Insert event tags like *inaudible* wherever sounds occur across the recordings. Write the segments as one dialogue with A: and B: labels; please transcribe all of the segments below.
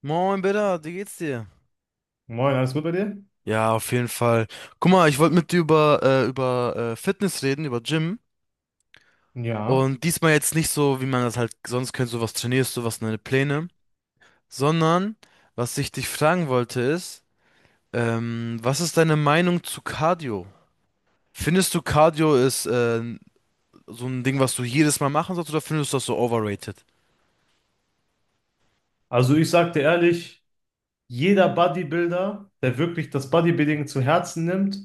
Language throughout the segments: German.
A: Moin, Bitter, wie geht's dir?
B: Moin, alles gut bei dir?
A: Ja, auf jeden Fall. Guck mal, ich wollte mit dir über Fitness reden, über Gym.
B: Ja.
A: Und diesmal jetzt nicht so, wie man das halt sonst kennt, so was trainierst du, was sind deine Pläne, sondern was ich dich fragen wollte ist, was ist deine Meinung zu Cardio? Findest du Cardio ist so ein Ding, was du jedes Mal machen sollst, oder findest du das so overrated?
B: Also ich sagte ehrlich, jeder Bodybuilder, der wirklich das Bodybuilding zu Herzen nimmt,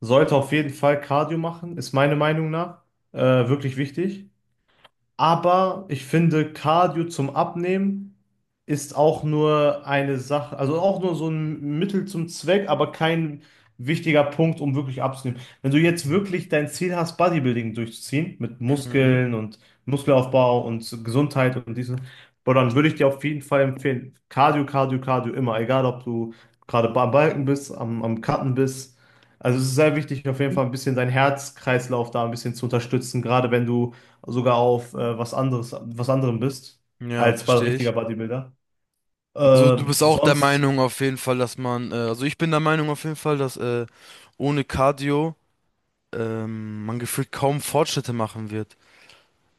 B: sollte auf jeden Fall Cardio machen, ist meine Meinung nach wirklich wichtig. Aber ich finde, Cardio zum Abnehmen ist auch nur eine Sache, also auch nur so ein Mittel zum Zweck, aber kein wichtiger Punkt, um wirklich abzunehmen. Wenn du jetzt wirklich dein Ziel hast, Bodybuilding durchzuziehen, mit
A: Mhm.
B: Muskeln und Muskelaufbau und Gesundheit und diesen, boah, dann würde ich dir auf jeden Fall empfehlen, Cardio, Cardio, Cardio immer, egal ob du gerade am Balken bist, am Cutten bist. Also es ist sehr wichtig, auf jeden Fall ein bisschen deinen Herzkreislauf da ein bisschen zu unterstützen, gerade wenn du sogar auf was anderes, was anderem bist,
A: Ja,
B: als bei
A: verstehe
B: richtiger
A: ich.
B: Bodybuilder.
A: Also
B: Äh,
A: du bist auch der
B: sonst,
A: Meinung auf jeden Fall, dass man, also ich bin der Meinung auf jeden Fall, dass ohne Cardio man gefühlt kaum Fortschritte machen wird.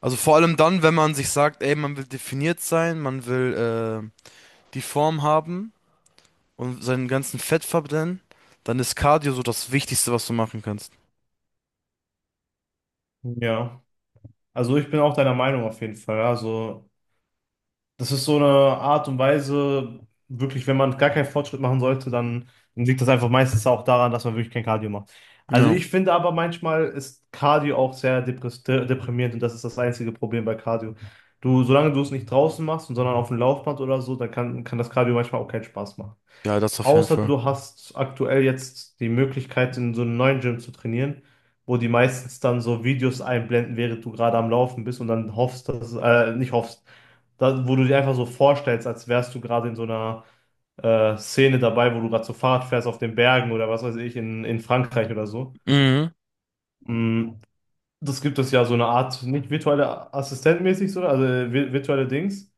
A: Also vor allem dann, wenn man sich sagt, ey, man will definiert sein, man will die Form haben und seinen ganzen Fett verbrennen, dann ist Cardio so das Wichtigste, was du machen kannst.
B: ja, also ich bin auch deiner Meinung auf jeden Fall. Also, das ist so eine Art und Weise, wirklich, wenn man gar keinen Fortschritt machen sollte, dann liegt das einfach meistens auch daran, dass man wirklich kein Cardio macht. Also
A: Ja,
B: ich finde aber manchmal ist Cardio auch sehr deprimierend und das ist das einzige Problem bei Cardio. Du, solange du es nicht draußen machst, sondern auf dem Laufband oder so, dann kann das Cardio manchmal auch keinen Spaß machen.
A: ja, das auf jeden
B: Außer
A: Fall.
B: du hast aktuell jetzt die Möglichkeit, in so einem neuen Gym zu trainieren, wo die meistens dann so Videos einblenden, während du gerade am Laufen bist und dann hoffst, dass, nicht hoffst, da, wo du dir einfach so vorstellst, als wärst du gerade in so einer Szene dabei, wo du gerade so Fahrrad fährst auf den Bergen oder was weiß ich, in Frankreich oder so.
A: Mhm,
B: Mm, das gibt es ja so eine Art, nicht virtuelle Assistentmäßig, so, also virtuelle Dings,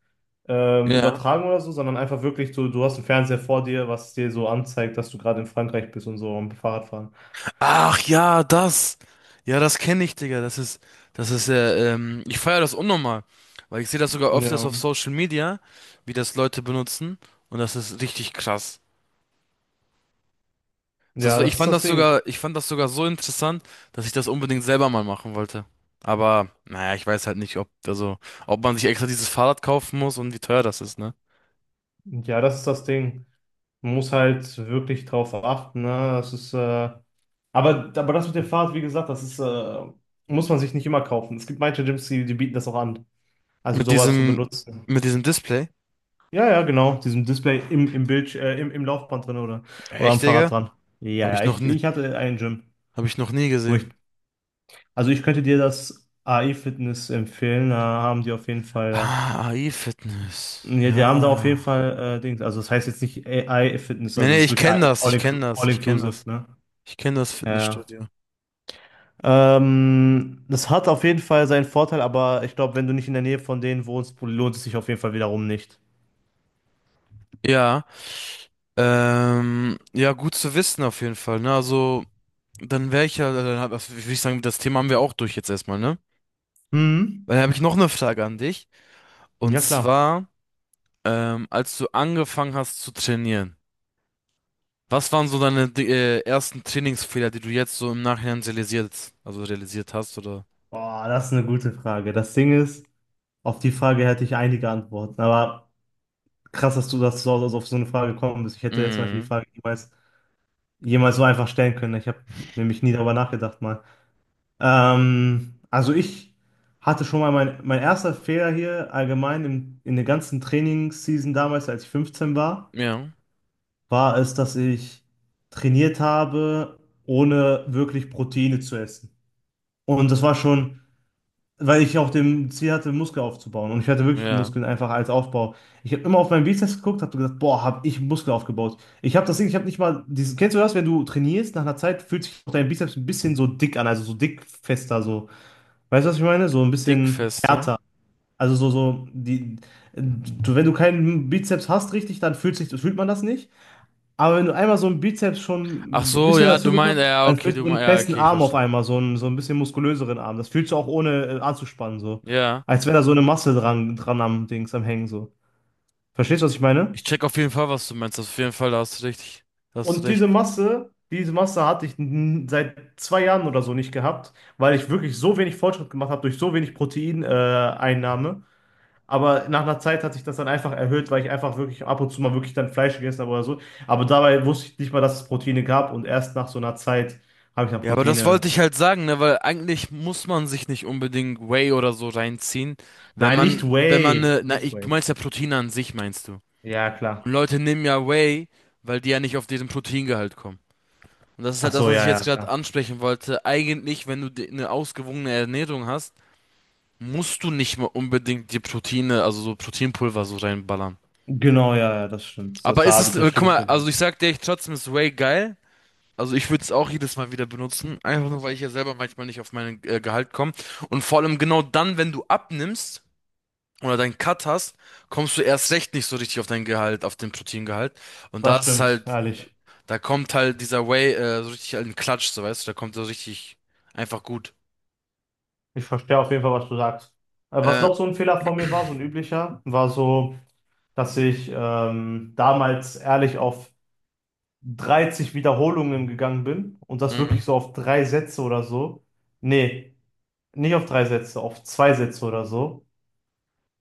A: ja.
B: übertragen oder so, sondern einfach wirklich so, du hast einen Fernseher vor dir, was dir so anzeigt, dass du gerade in Frankreich bist und so am Fahrradfahren.
A: Ach ja, das. Ja, das kenne ich, Digga. Das ist ja, ich feiere das unnormal, weil ich sehe das sogar öfters
B: Ja.
A: auf Social Media, wie das Leute benutzen, und das ist richtig krass. Das
B: Ja,
A: war, ich
B: das ist
A: fand
B: das
A: das
B: Ding.
A: sogar, Ich fand das sogar so interessant, dass ich das unbedingt selber mal machen wollte. Aber naja, ich weiß halt nicht, ob, also ob man sich extra dieses Fahrrad kaufen muss und wie teuer das ist, ne?
B: Ja, das ist das Ding. Man muss halt wirklich drauf achten, ne? Das ist, äh, aber, aber das mit dem Fahrrad, wie gesagt, muss man sich nicht immer kaufen. Es gibt manche Gyms, die bieten das auch an. Also
A: Mit
B: sowas zu
A: diesem,
B: benutzen.
A: mit diesem Display?
B: Ja, ja, genau. Diesem Display im Bild, im Laufband drin oder
A: Echt,
B: am Fahrrad
A: Digga?
B: dran.
A: Hab ich noch nie,
B: Ich hatte ein Gym,
A: hab ich noch nie
B: wo ich,
A: gesehen.
B: also ich könnte dir das AI Fitness empfehlen, da haben die auf jeden Fall,
A: Ah, AI-Fitness.
B: ja, die haben da auf jeden
A: Ja.
B: Fall, Dings, also das heißt jetzt nicht AI Fitness,
A: Nee,
B: also
A: nee,
B: das ist
A: ich
B: wirklich
A: kenne
B: AI,
A: das,
B: all,
A: ich kenne
B: inclu
A: das,
B: all
A: ich kenne
B: inclusive,
A: das.
B: ne?
A: Ich kenne das
B: Ja.
A: Fitnessstudio.
B: Ja. Das hat auf jeden Fall seinen Vorteil, aber ich glaube, wenn du nicht in der Nähe von denen wohnst, lohnt es sich auf jeden Fall wiederum nicht.
A: Ja, ja, gut zu wissen auf jeden Fall, ne? Also dann wäre ich ja, dann hab, das- würde ich sagen, das Thema haben wir auch durch jetzt erstmal, ne?
B: Mhm.
A: Dann habe ich noch eine Frage an dich. Und
B: Ja, klar.
A: zwar, als du angefangen hast zu trainieren, was waren so deine ersten Trainingsfehler, die du jetzt so im Nachhinein realisiert, also realisiert hast, oder?
B: Boah, das ist eine gute Frage. Das Ding ist, auf die Frage hätte ich einige Antworten. Aber krass, dass du, das so auf so eine Frage gekommen bist. Ich hätte jetzt zum Beispiel die
A: Mhm.
B: Frage niemals, jemals so einfach stellen können. Ich habe nämlich nie darüber nachgedacht mal. Also ich hatte schon mal mein erster Fehler hier allgemein in der ganzen Trainingsseason damals, als ich 15 war,
A: Ja,
B: war es, dass ich trainiert habe, ohne wirklich Proteine zu essen. Und das war schon, weil ich auf dem Ziel hatte, Muskel aufzubauen. Und ich hatte wirklich
A: ja.
B: Muskeln einfach als Aufbau. Ich habe immer auf meinen Bizeps geguckt, habe gesagt, boah, habe ich Muskel aufgebaut. Ich habe das Ding, ich habe nicht mal dieses, kennst du das, wenn du trainierst, nach einer Zeit fühlt sich auch dein Bizeps ein bisschen so dick an, also so dick fester so. Weißt du, was ich meine? So ein bisschen
A: Dickfester.
B: härter. Also so, so, die, du, wenn du keinen Bizeps hast richtig, dann fühlt man das nicht. Aber wenn du einmal so einen Bizeps
A: Ach
B: schon ein
A: so,
B: bisschen
A: ja, du
B: dazu
A: meinst,
B: bekommst,
A: ja,
B: dann
A: okay,
B: fühlst du
A: du
B: so
A: meinst,
B: einen
A: ja,
B: festen
A: okay, ich
B: Arm auf
A: verstehe.
B: einmal, so einen, so ein bisschen muskulöseren Arm. Das fühlst du auch ohne anzuspannen, so.
A: Ja.
B: Als wäre da so eine Masse dran, dran am Dings, am Hängen, so. Verstehst du, was ich meine?
A: Ich check auf jeden Fall, was du meinst. Auf jeden Fall, da hast du recht. Da hast du
B: Und
A: recht.
B: diese Masse hatte ich seit zwei Jahren oder so nicht gehabt, weil ich wirklich so wenig Fortschritt gemacht habe durch so wenig Proteineinnahme. Aber nach einer Zeit hat sich das dann einfach erhöht, weil ich einfach wirklich ab und zu mal wirklich dann Fleisch gegessen habe oder so. Aber dabei wusste ich nicht mal, dass es Proteine gab und erst nach so einer Zeit habe ich dann
A: Ja, aber das
B: Proteine.
A: wollte ich halt sagen, ne, weil eigentlich muss man sich nicht unbedingt Whey oder so reinziehen, wenn
B: Nein, nicht
A: man, wenn man
B: Whey.
A: ne, na,
B: Nicht
A: ich, du
B: Whey.
A: meinst ja Proteine an sich, meinst du.
B: Ja, klar.
A: Und Leute nehmen ja Whey, weil die ja nicht auf diesen Proteingehalt kommen. Und das ist
B: Ach
A: halt das,
B: so,
A: was ich
B: ja, ja,
A: jetzt gerade
B: klar.
A: ansprechen wollte. Eigentlich, wenn du di- eine ausgewogene Ernährung hast, musst du nicht mal unbedingt die Proteine, also so Proteinpulver so reinballern.
B: Genau, ja, ja, das stimmt.
A: Aber ist es,
B: Das
A: guck
B: stimmt nicht.
A: mal, also ich sag dir, ich trotzdem ist Whey geil. Also ich würde es auch jedes Mal wieder benutzen, einfach nur, weil ich ja selber manchmal nicht auf mein Gehalt komme. Und vor allem genau dann, wenn du abnimmst oder deinen Cut hast, kommst du erst recht nicht so richtig auf dein Gehalt, auf den Proteingehalt. Und da
B: Das
A: ist
B: stimmt,
A: halt,
B: ehrlich.
A: da kommt halt dieser Whey so richtig in den Klatsch, so weißt du, da kommt so richtig einfach gut.
B: Ich verstehe auf jeden Fall, was du sagst. Was
A: Äh,
B: noch so ein Fehler von mir war, so ein üblicher, war so, dass ich damals ehrlich auf 30 Wiederholungen gegangen bin und das
A: mhm.
B: wirklich so auf drei Sätze oder so. Nee, nicht auf drei Sätze, auf zwei Sätze oder so.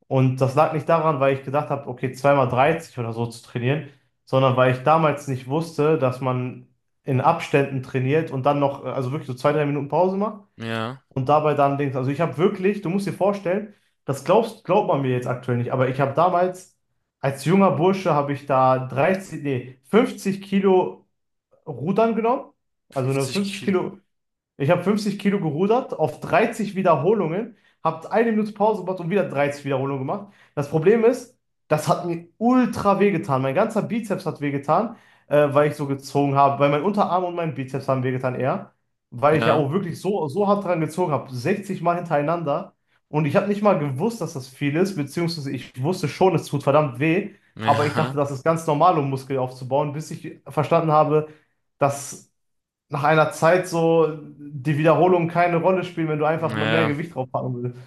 B: Und das lag nicht daran, weil ich gedacht habe, okay, zweimal 30 oder so zu trainieren, sondern weil ich damals nicht wusste, dass man in Abständen trainiert und dann noch, also wirklich so zwei, drei Minuten Pause macht
A: Ja,
B: und dabei dann Dings. Also ich habe wirklich, du musst dir vorstellen, glaubt man mir jetzt aktuell nicht, aber ich habe damals als junger Bursche habe ich da 30, nee, 50 Kilo Rudern genommen, also eine
A: 50
B: 50
A: Kilo.
B: Kilo, ich habe 50 Kilo gerudert auf 30 Wiederholungen, habe eine Minute Pause gemacht und wieder 30 Wiederholungen gemacht. Das Problem ist, das hat mir ultra wehgetan. Mein ganzer Bizeps hat wehgetan, weil ich so gezogen habe. Weil mein Unterarm und mein Bizeps haben wehgetan eher, weil ich ja
A: Ja,
B: auch wirklich so, so hart dran gezogen habe. 60 Mal hintereinander. Und ich habe nicht mal gewusst, dass das viel ist, beziehungsweise ich wusste schon, es tut verdammt weh. Aber ich dachte,
A: ja,
B: das ist ganz normal, um Muskel aufzubauen, bis ich verstanden habe, dass nach einer Zeit so die Wiederholungen keine Rolle spielen, wenn du einfach immer mehr
A: ja,
B: Gewicht draufpacken willst.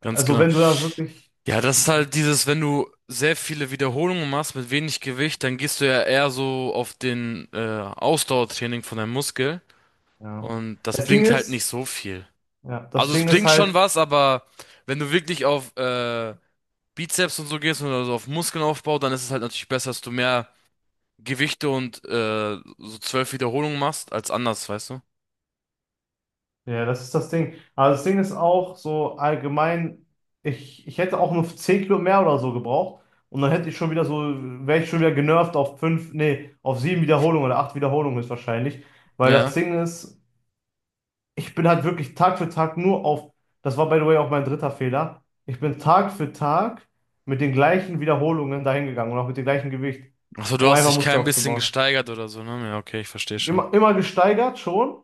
A: ganz
B: Also
A: genau.
B: wenn du da wirklich,
A: Ja, das ist halt dieses, wenn du sehr viele Wiederholungen machst mit wenig Gewicht, dann gehst du ja eher so auf den Ausdauertraining von deinem Muskel,
B: ja.
A: und das
B: Das Ding
A: bringt halt
B: ist,
A: nicht so viel.
B: ja, das
A: Also es
B: Ding ist
A: bringt
B: halt,
A: schon was, aber wenn du wirklich auf Bizeps und so gehst oder so auf Muskelaufbau, dann ist es halt natürlich besser, dass du mehr Gewichte und so zwölf Wiederholungen machst als anders, weißt du?
B: ja, das ist das Ding. Aber das Ding ist auch so allgemein, ich hätte auch nur 10 Kilo mehr oder so gebraucht und dann hätte ich schon wieder so, wäre ich schon wieder genervt auf 5. Nee, auf 7 Wiederholungen oder 8 Wiederholungen ist wahrscheinlich. Weil das
A: Ja.
B: Ding ist, ich bin halt wirklich Tag für Tag nur auf, das war by the way auch mein dritter Fehler, ich bin Tag für Tag mit den gleichen Wiederholungen dahin gegangen und auch mit dem gleichen Gewicht,
A: Also du
B: um
A: hast
B: einfach
A: dich
B: Muskel
A: kein bisschen
B: aufzubauen.
A: gesteigert oder so, ne? Ja, okay, ich verstehe schon.
B: Immer, immer gesteigert schon,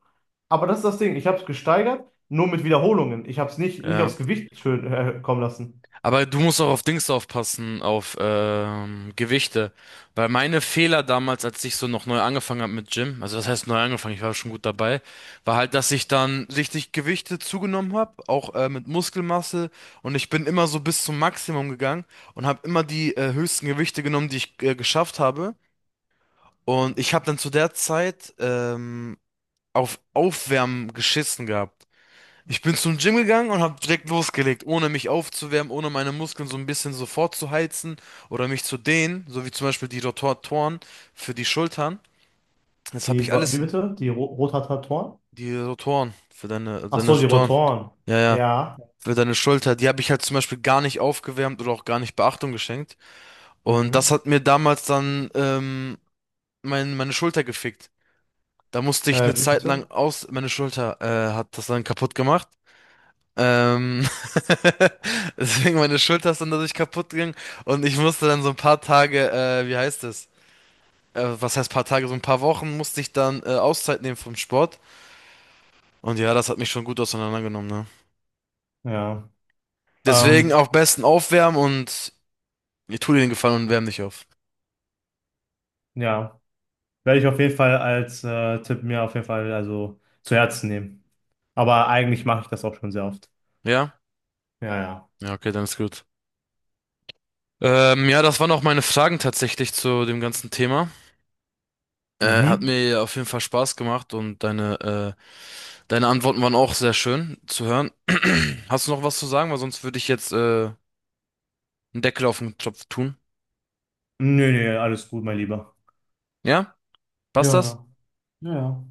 B: aber das ist das Ding, ich habe es gesteigert, nur mit Wiederholungen. Ich habe es nicht
A: Ja.
B: aufs Gewicht schön kommen lassen.
A: Aber du musst auch auf Dings aufpassen, auf Gewichte. Weil meine Fehler damals, als ich so noch neu angefangen habe mit Gym, also das heißt neu angefangen, ich war schon gut dabei, war halt, dass ich dann richtig Gewichte zugenommen habe, auch mit Muskelmasse. Und ich bin immer so bis zum Maximum gegangen und habe immer die höchsten Gewichte genommen, die ich geschafft habe. Und ich habe dann zu der Zeit auf Aufwärmen geschissen gehabt. Ich bin zum Gym gegangen und habe direkt losgelegt, ohne mich aufzuwärmen, ohne meine Muskeln so ein bisschen so vorzuheizen oder mich zu dehnen, so wie zum Beispiel die Rotatoren für die Schultern. Das habe ich alles,
B: Wie
A: in-
B: bitte? Die Ro Rotatoren?
A: die Rotoren für deine,
B: Ach
A: deine
B: so, die
A: Rotoren,
B: Rotoren.
A: ja, ja,
B: Ja.
A: für deine Schulter, die habe ich halt zum Beispiel gar nicht aufgewärmt oder auch gar nicht Beachtung geschenkt. Und das
B: Mhm.
A: hat mir damals dann meine Schulter gefickt. Da musste ich eine
B: Wie
A: Zeit lang
B: bitte?
A: aus, meine Schulter hat das dann kaputt gemacht. Ähm, *laughs* deswegen meine Schulter ist dann dadurch kaputt gegangen, und ich musste dann so ein paar Tage, wie heißt es? Was heißt paar Tage? So ein paar Wochen musste ich dann Auszeit nehmen vom Sport. Und ja, das hat mich schon gut auseinandergenommen, ne?
B: Ja.
A: Deswegen
B: Ähm,
A: auch besten aufwärmen, und ich tu dir den Gefallen und wärm dich auf.
B: ja. Werde ich auf jeden Fall als Tipp mir auf jeden Fall also zu Herzen nehmen. Aber eigentlich mache ich das auch schon sehr oft.
A: Ja?
B: Ja, ja.
A: Ja, okay, dann ist gut. Ja, das waren auch meine Fragen tatsächlich zu dem ganzen Thema. Hat
B: Mhm.
A: mir auf jeden Fall Spaß gemacht, und deine Antworten waren auch sehr schön zu hören. *clears throat* Hast du noch was zu sagen? Weil sonst würde ich jetzt einen Deckel auf den Topf tun.
B: Nö, nö, alles gut, mein Lieber.
A: Ja?
B: Ja,
A: Passt das?
B: ja, ja, ja.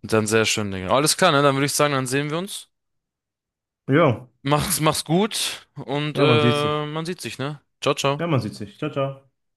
A: Dann sehr schön, Digga. Alles klar, ne? Dann würde ich sagen, dann sehen wir uns.
B: Jo,
A: Mach's, mach's gut und
B: ja, man sieht sich.
A: man sieht sich, ne? Ciao, ciao.
B: Ja, man sieht sich. Ciao, ciao.